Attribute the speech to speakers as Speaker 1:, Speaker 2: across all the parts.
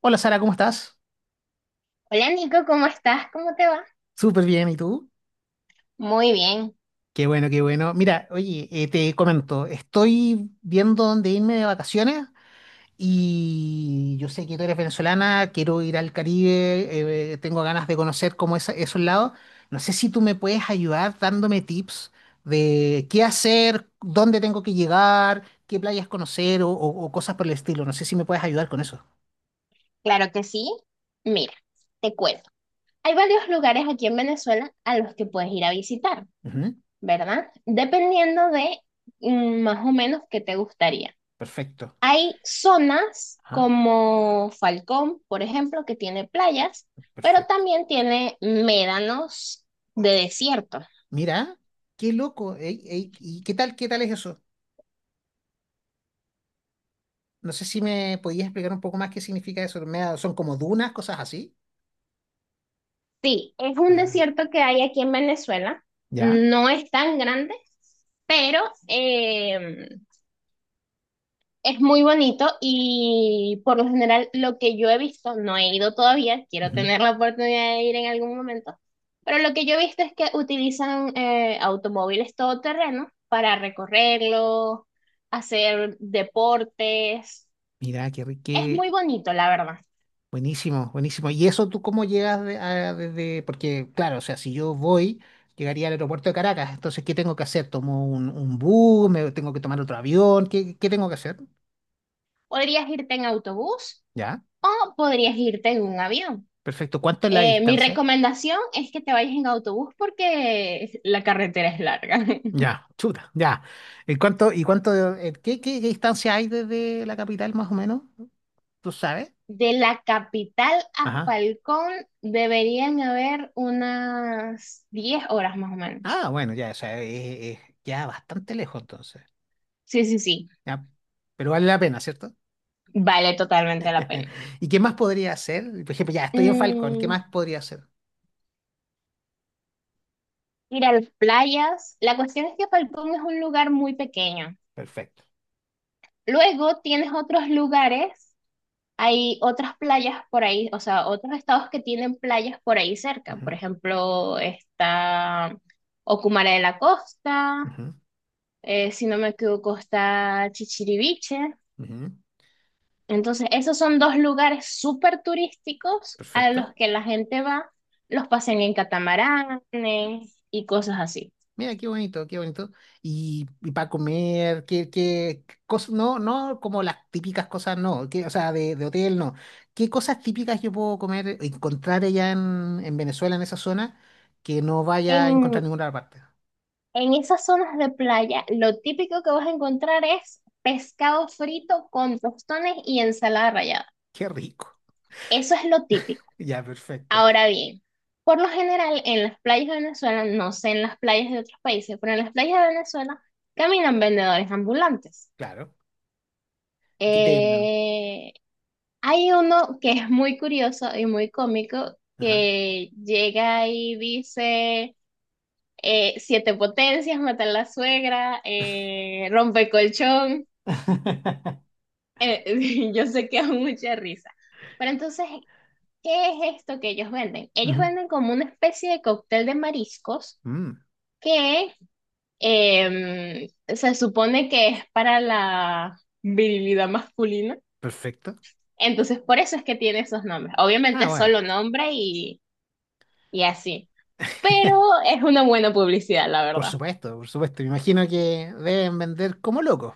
Speaker 1: Hola Sara, ¿cómo estás?
Speaker 2: Hola Nico, ¿cómo estás? ¿Cómo te va?
Speaker 1: Súper bien, ¿y tú?
Speaker 2: Muy bien,
Speaker 1: Qué bueno, qué bueno. Mira, oye, te comento, estoy viendo dónde irme de vacaciones y yo sé que tú eres venezolana. Quiero ir al Caribe, tengo ganas de conocer como esos lados. No sé si tú me puedes ayudar dándome tips de qué hacer, dónde tengo que llegar, qué playas conocer o cosas por el estilo. No sé si me puedes ayudar con eso.
Speaker 2: claro que sí. Mira, te cuento. Hay varios lugares aquí en Venezuela a los que puedes ir a visitar,
Speaker 1: Ujú.
Speaker 2: ¿verdad? Dependiendo de más o menos qué te gustaría.
Speaker 1: Perfecto.
Speaker 2: Hay zonas
Speaker 1: Ajá,
Speaker 2: como Falcón, por ejemplo, que tiene playas, pero
Speaker 1: perfecto.
Speaker 2: también tiene médanos de desierto.
Speaker 1: Mira, qué loco. ¿Y qué tal es eso? No sé si me podías explicar un poco más qué significa eso. Son como dunas, cosas así.
Speaker 2: Sí, es un
Speaker 1: Ah,
Speaker 2: desierto que hay aquí en Venezuela.
Speaker 1: ya.
Speaker 2: No es tan grande, pero em, es muy bonito y por lo general lo que yo he visto, no he ido todavía, quiero
Speaker 1: Ujú.
Speaker 2: tener la oportunidad de ir en algún momento, pero lo que yo he visto es que utilizan automóviles todoterreno para recorrerlo, hacer deportes.
Speaker 1: Mira, qué rico,
Speaker 2: Es
Speaker 1: qué
Speaker 2: muy bonito, la verdad.
Speaker 1: buenísimo, buenísimo. ¿Y eso tú cómo desde? Porque, claro, o sea, si yo voy, llegaría al aeropuerto de Caracas. Entonces, ¿qué tengo que hacer? ¿Tomo un bus? ¿Me tengo que tomar otro avión? ¿Qué, qué tengo que hacer?
Speaker 2: Podrías irte en autobús
Speaker 1: Ya,
Speaker 2: o podrías irte en un avión.
Speaker 1: perfecto. ¿Cuánto es la
Speaker 2: Mi
Speaker 1: distancia?
Speaker 2: recomendación es que te vayas en autobús porque la carretera es larga.
Speaker 1: Ya, chuta, ya. ¿Y cuánto, y cuánto, Qué distancia hay desde la capital más o menos? ¿Tú sabes?
Speaker 2: De la capital a
Speaker 1: Ajá.
Speaker 2: Falcón deberían haber unas 10 horas más o menos.
Speaker 1: Ah, bueno, ya, o sea, es ya bastante lejos entonces.
Speaker 2: Sí, sí, sí,
Speaker 1: Ya. Pero vale la pena, ¿cierto?
Speaker 2: vale totalmente la pena.
Speaker 1: ¿Y qué más podría hacer? Por ejemplo, ya estoy en Falcón, ¿qué
Speaker 2: Mm,
Speaker 1: más podría hacer?
Speaker 2: Ir a las playas. La cuestión es que Falcón es un lugar muy pequeño.
Speaker 1: Perfecto.
Speaker 2: Luego tienes otros lugares, hay otras playas por ahí, o sea, otros estados que tienen playas por ahí cerca.
Speaker 1: Ujú,
Speaker 2: Por ejemplo, está Ocumare de la Costa,
Speaker 1: ujú,
Speaker 2: si no me equivoco, está Chichiriviche.
Speaker 1: ujú.
Speaker 2: Entonces, esos son dos lugares súper turísticos a
Speaker 1: Perfecto.
Speaker 2: los que la gente va, los pasean en catamaranes y cosas así.
Speaker 1: Mira, qué bonito, qué bonito. Y para comer, qué, qué cosas, no, no como las típicas cosas, no, que, o sea, de hotel, no. ¿Qué cosas típicas yo puedo comer, encontrar en Venezuela, en esa zona, que no vaya a encontrar
Speaker 2: En,
Speaker 1: en ninguna otra parte?
Speaker 2: en esas zonas de playa, lo típico que vas a encontrar es pescado frito con tostones y ensalada rallada.
Speaker 1: Qué rico.
Speaker 2: Eso es lo típico.
Speaker 1: Ya, perfecto.
Speaker 2: Ahora bien, por lo general, en las playas de Venezuela, no sé en las playas de otros países, pero en las playas de Venezuela caminan vendedores ambulantes.
Speaker 1: Claro. ¿Qué te mandan?
Speaker 2: Eh, Hay uno que es muy curioso y muy cómico
Speaker 1: Ajá.
Speaker 2: que llega y dice siete potencias, matar a la suegra, rompe colchón. Yo sé que es mucha risa. Pero entonces, ¿qué es esto que ellos venden? Ellos
Speaker 1: Ujú.
Speaker 2: venden como una especie de cóctel de mariscos
Speaker 1: Mm,
Speaker 2: que em, se supone que es para la virilidad masculina.
Speaker 1: perfecto.
Speaker 2: Entonces, por eso es que tiene esos nombres. Obviamente,
Speaker 1: Ah,
Speaker 2: es
Speaker 1: bueno,
Speaker 2: solo nombre y así, pero es una buena publicidad, la
Speaker 1: por
Speaker 2: verdad.
Speaker 1: supuesto, por supuesto. Me imagino que deben vender como locos.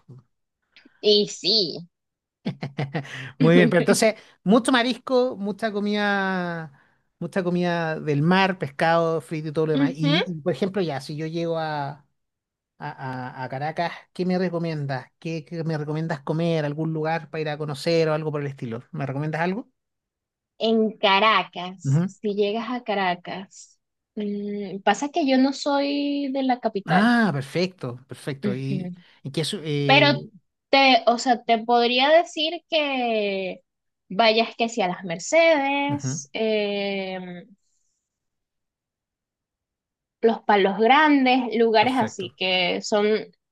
Speaker 2: Y sí.
Speaker 1: Muy bien, pero
Speaker 2: Ujú.
Speaker 1: entonces, mucho marisco, mucha comida del mar, pescado, frito y todo lo demás. Y, por ejemplo, ya, si yo llego a Caracas, ¿qué me recomiendas? ¿Qué, qué me recomiendas comer? ¿Algún lugar para ir a conocer o algo por el estilo? ¿Me recomiendas algo?
Speaker 2: En Caracas,
Speaker 1: Ujú.
Speaker 2: si llegas a Caracas, pasa que yo no soy de la capital.
Speaker 1: Ah, perfecto, perfecto.
Speaker 2: Ujú.
Speaker 1: Y qué su-
Speaker 2: Pero
Speaker 1: eh,
Speaker 2: te, o sea, te podría decir que vayas que si a las
Speaker 1: Ujú.
Speaker 2: Mercedes, los Palos Grandes, lugares
Speaker 1: Perfecto.
Speaker 2: así que son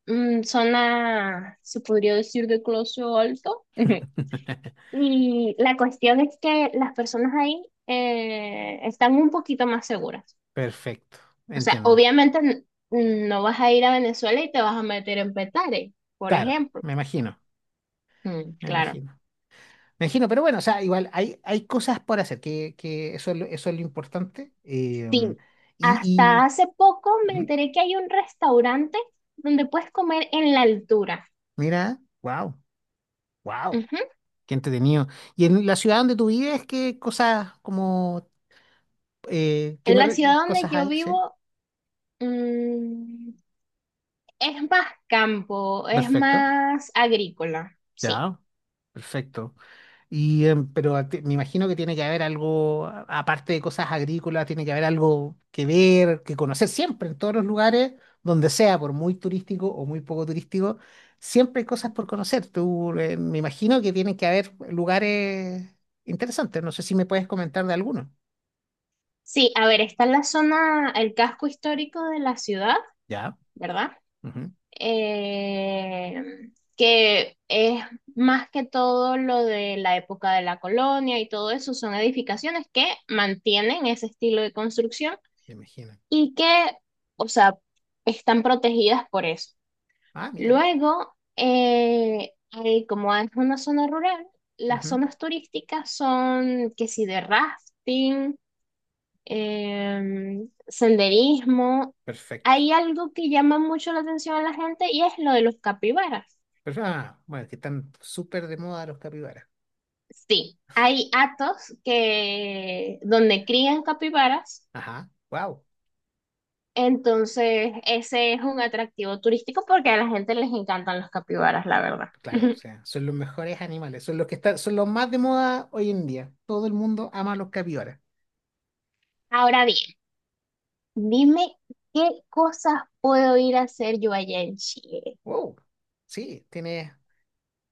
Speaker 2: zona, se podría decir, de closo alto. Y la cuestión es que las personas ahí están un poquito más seguras.
Speaker 1: Perfecto,
Speaker 2: O sea,
Speaker 1: entiendo.
Speaker 2: obviamente no vas a ir a Venezuela y te vas a meter en Petare, por
Speaker 1: Claro,
Speaker 2: ejemplo.
Speaker 1: me imagino,
Speaker 2: Mm,
Speaker 1: me
Speaker 2: claro.
Speaker 1: imagino. Me imagino, pero bueno, o sea, igual hay, hay cosas por hacer, que eso es lo importante.
Speaker 2: Sí. Hasta
Speaker 1: Y,
Speaker 2: hace poco me
Speaker 1: Ujú,
Speaker 2: enteré que hay un restaurante donde puedes comer en la altura.
Speaker 1: mira, wow, wow,
Speaker 2: Ujú.
Speaker 1: qué entretenido. ¿Y en la ciudad donde tú vives, qué cosas como, eh, qué
Speaker 2: En
Speaker 1: me
Speaker 2: la
Speaker 1: re-
Speaker 2: ciudad donde
Speaker 1: cosas
Speaker 2: yo
Speaker 1: hay? Sí,
Speaker 2: vivo, mm, es más campo, es
Speaker 1: perfecto,
Speaker 2: más agrícola, sí.
Speaker 1: ya, perfecto. Y, pero me imagino que tiene que haber algo, aparte de cosas agrícolas. Tiene que haber algo que ver, que conocer siempre, en todos los lugares, donde sea, por muy turístico o muy poco turístico, siempre hay cosas por conocer. Tú, me imagino que tienen que haber lugares interesantes. No sé si me puedes comentar de alguno.
Speaker 2: Sí, a ver, está la zona, el casco histórico de la ciudad,
Speaker 1: Ya.
Speaker 2: ¿verdad?
Speaker 1: Ujú.
Speaker 2: Eh, que es más que todo lo de la época de la colonia y todo eso, son edificaciones que mantienen ese estilo de construcción
Speaker 1: Me imagino.
Speaker 2: y que, o sea, están protegidas por eso.
Speaker 1: Ah, mira.
Speaker 2: Luego, como es una zona rural, las
Speaker 1: Ujú.
Speaker 2: zonas turísticas son que si de rafting, senderismo.
Speaker 1: Perfecto.
Speaker 2: Hay algo que llama mucho la atención a la gente y es lo de los capibaras.
Speaker 1: Pero, ah, bueno, que están súper de moda los capibaras.
Speaker 2: Sí, hay atos que donde crían capibaras,
Speaker 1: Ajá. Wow.
Speaker 2: entonces ese es un atractivo turístico porque a la gente les encantan los capibaras, la verdad.
Speaker 1: Claro, o sea, son los mejores animales, son los que están, son los más de moda hoy en día. Todo el mundo ama a los capibaras.
Speaker 2: Ahora bien, dime qué cosas puedo ir a hacer yo allá en Chile.
Speaker 1: Wow, sí, tienes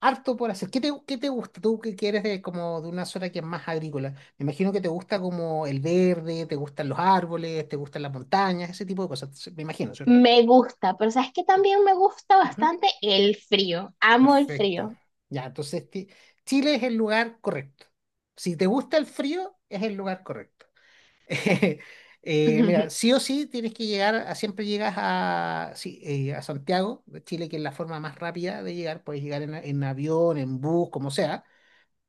Speaker 1: harto por hacer. Qué te gusta? Tú que quieres de como de una zona que es más agrícola. Me imagino que te gusta como el verde, te gustan los árboles, te gustan las montañas, ese tipo de cosas. Me imagino, ¿cierto?
Speaker 2: Me gusta, pero sabes que también me gusta
Speaker 1: Ujú.
Speaker 2: bastante el frío. Amo el
Speaker 1: Perfecto.
Speaker 2: frío.
Speaker 1: Ya, Chile es el lugar correcto. Si te gusta el frío, es el lugar correcto. Mira, sí o sí tienes que llegar, a, siempre llegas a, sí, a Santiago de Chile, que es la forma más rápida de llegar. Puedes llegar en avión, en bus, como sea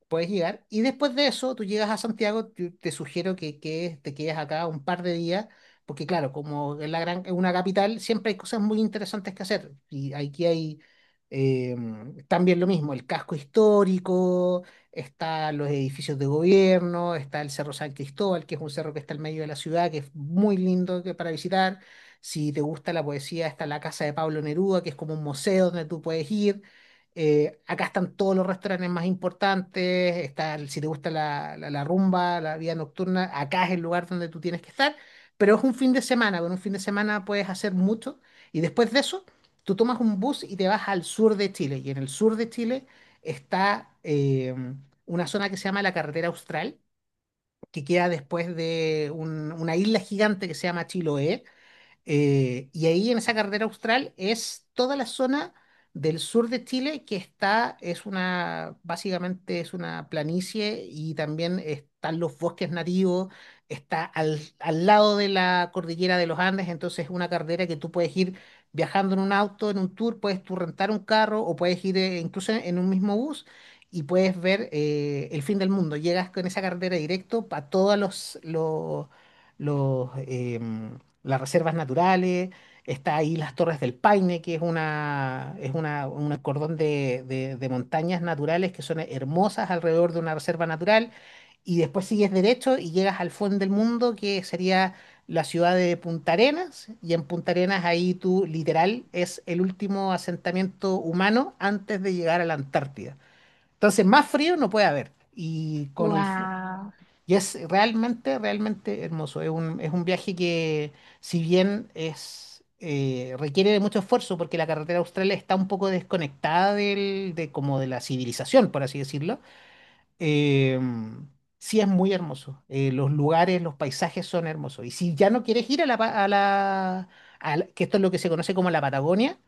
Speaker 1: puedes llegar. Y después de eso, tú llegas a Santiago. Yo te sugiero que te quedes acá un par de días, porque claro, como es la gran, es una capital, siempre hay cosas muy interesantes que hacer. Y aquí hay eh, también lo mismo, el casco histórico, están los edificios de gobierno, está el Cerro San Cristóbal, que es un cerro que está al medio de la ciudad, que es muy lindo para visitar. Si te gusta la poesía, está la casa de Pablo Neruda, que es como un museo donde tú puedes ir. Acá están todos los restaurantes más importantes, está, si te gusta la rumba, la vida nocturna, acá es el lugar donde tú tienes que estar, pero es un fin de semana, con un fin de semana puedes hacer mucho y después de eso tú tomas un bus y te vas al sur de Chile, y en el sur de Chile está una zona que se llama la Carretera Austral, que queda después de una isla gigante que se llama Chiloé. Y ahí en esa carretera austral es toda la zona del sur de Chile que está, es una, básicamente es una planicie, y también están los bosques nativos. Está al lado de la cordillera de los Andes, entonces es una carretera que tú puedes ir viajando en un auto, en un tour. Puedes tú rentar un carro o puedes ir incluso en un mismo bus. Y puedes ver el fin del mundo. Llegas con esa carretera directo para todos los em, las reservas naturales. Está ahí las Torres del Paine, que es una, un cordón de montañas naturales que son hermosas alrededor de una reserva natural, y después sigues derecho y llegas al fondo del mundo, que sería la ciudad de Punta Arenas, y en Punta Arenas ahí tú literal es el último asentamiento humano antes de llegar a la Antártida. Entonces, más frío no puede haber. Y con
Speaker 2: Wow.
Speaker 1: y es realmente, realmente hermoso. Es un viaje que, si bien es, requiere de mucho esfuerzo, porque la carretera austral está un poco desconectada como de la civilización, por así decirlo. eh, sí es muy hermoso. Los lugares, los paisajes son hermosos. Y si ya no quieres ir a la, pa- a la- que esto es lo que se conoce como la Patagonia,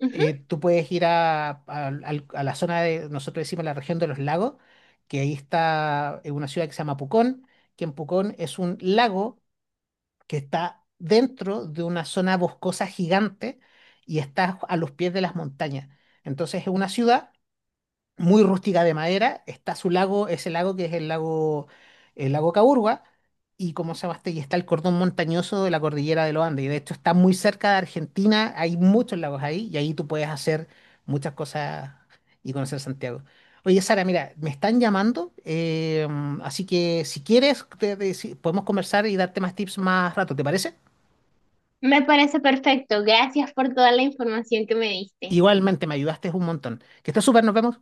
Speaker 2: Ujú.
Speaker 1: tú puedes ir a la zona de, nosotros decimos la región de los lagos, que ahí está una ciudad que se llama Pucón, que en Pucón es un lago que está dentro de una zona boscosa gigante y está a los pies de las montañas. Entonces es una ciudad muy rústica de madera. Está su lago, ese lago que es el lago Caburgua. Y como se llama este, y está el cordón montañoso de la cordillera de los Andes. Y de hecho está muy cerca de Argentina, hay muchos lagos ahí y ahí tú puedes hacer muchas cosas y conocer Santiago. Oye, Sara, mira, me están llamando, así que si quieres, podemos conversar y darte más tips más rato, ¿te parece?
Speaker 2: Me parece perfecto. Gracias por toda la información que me diste.
Speaker 1: Igualmente, me ayudaste un montón. Que estés súper, nos vemos.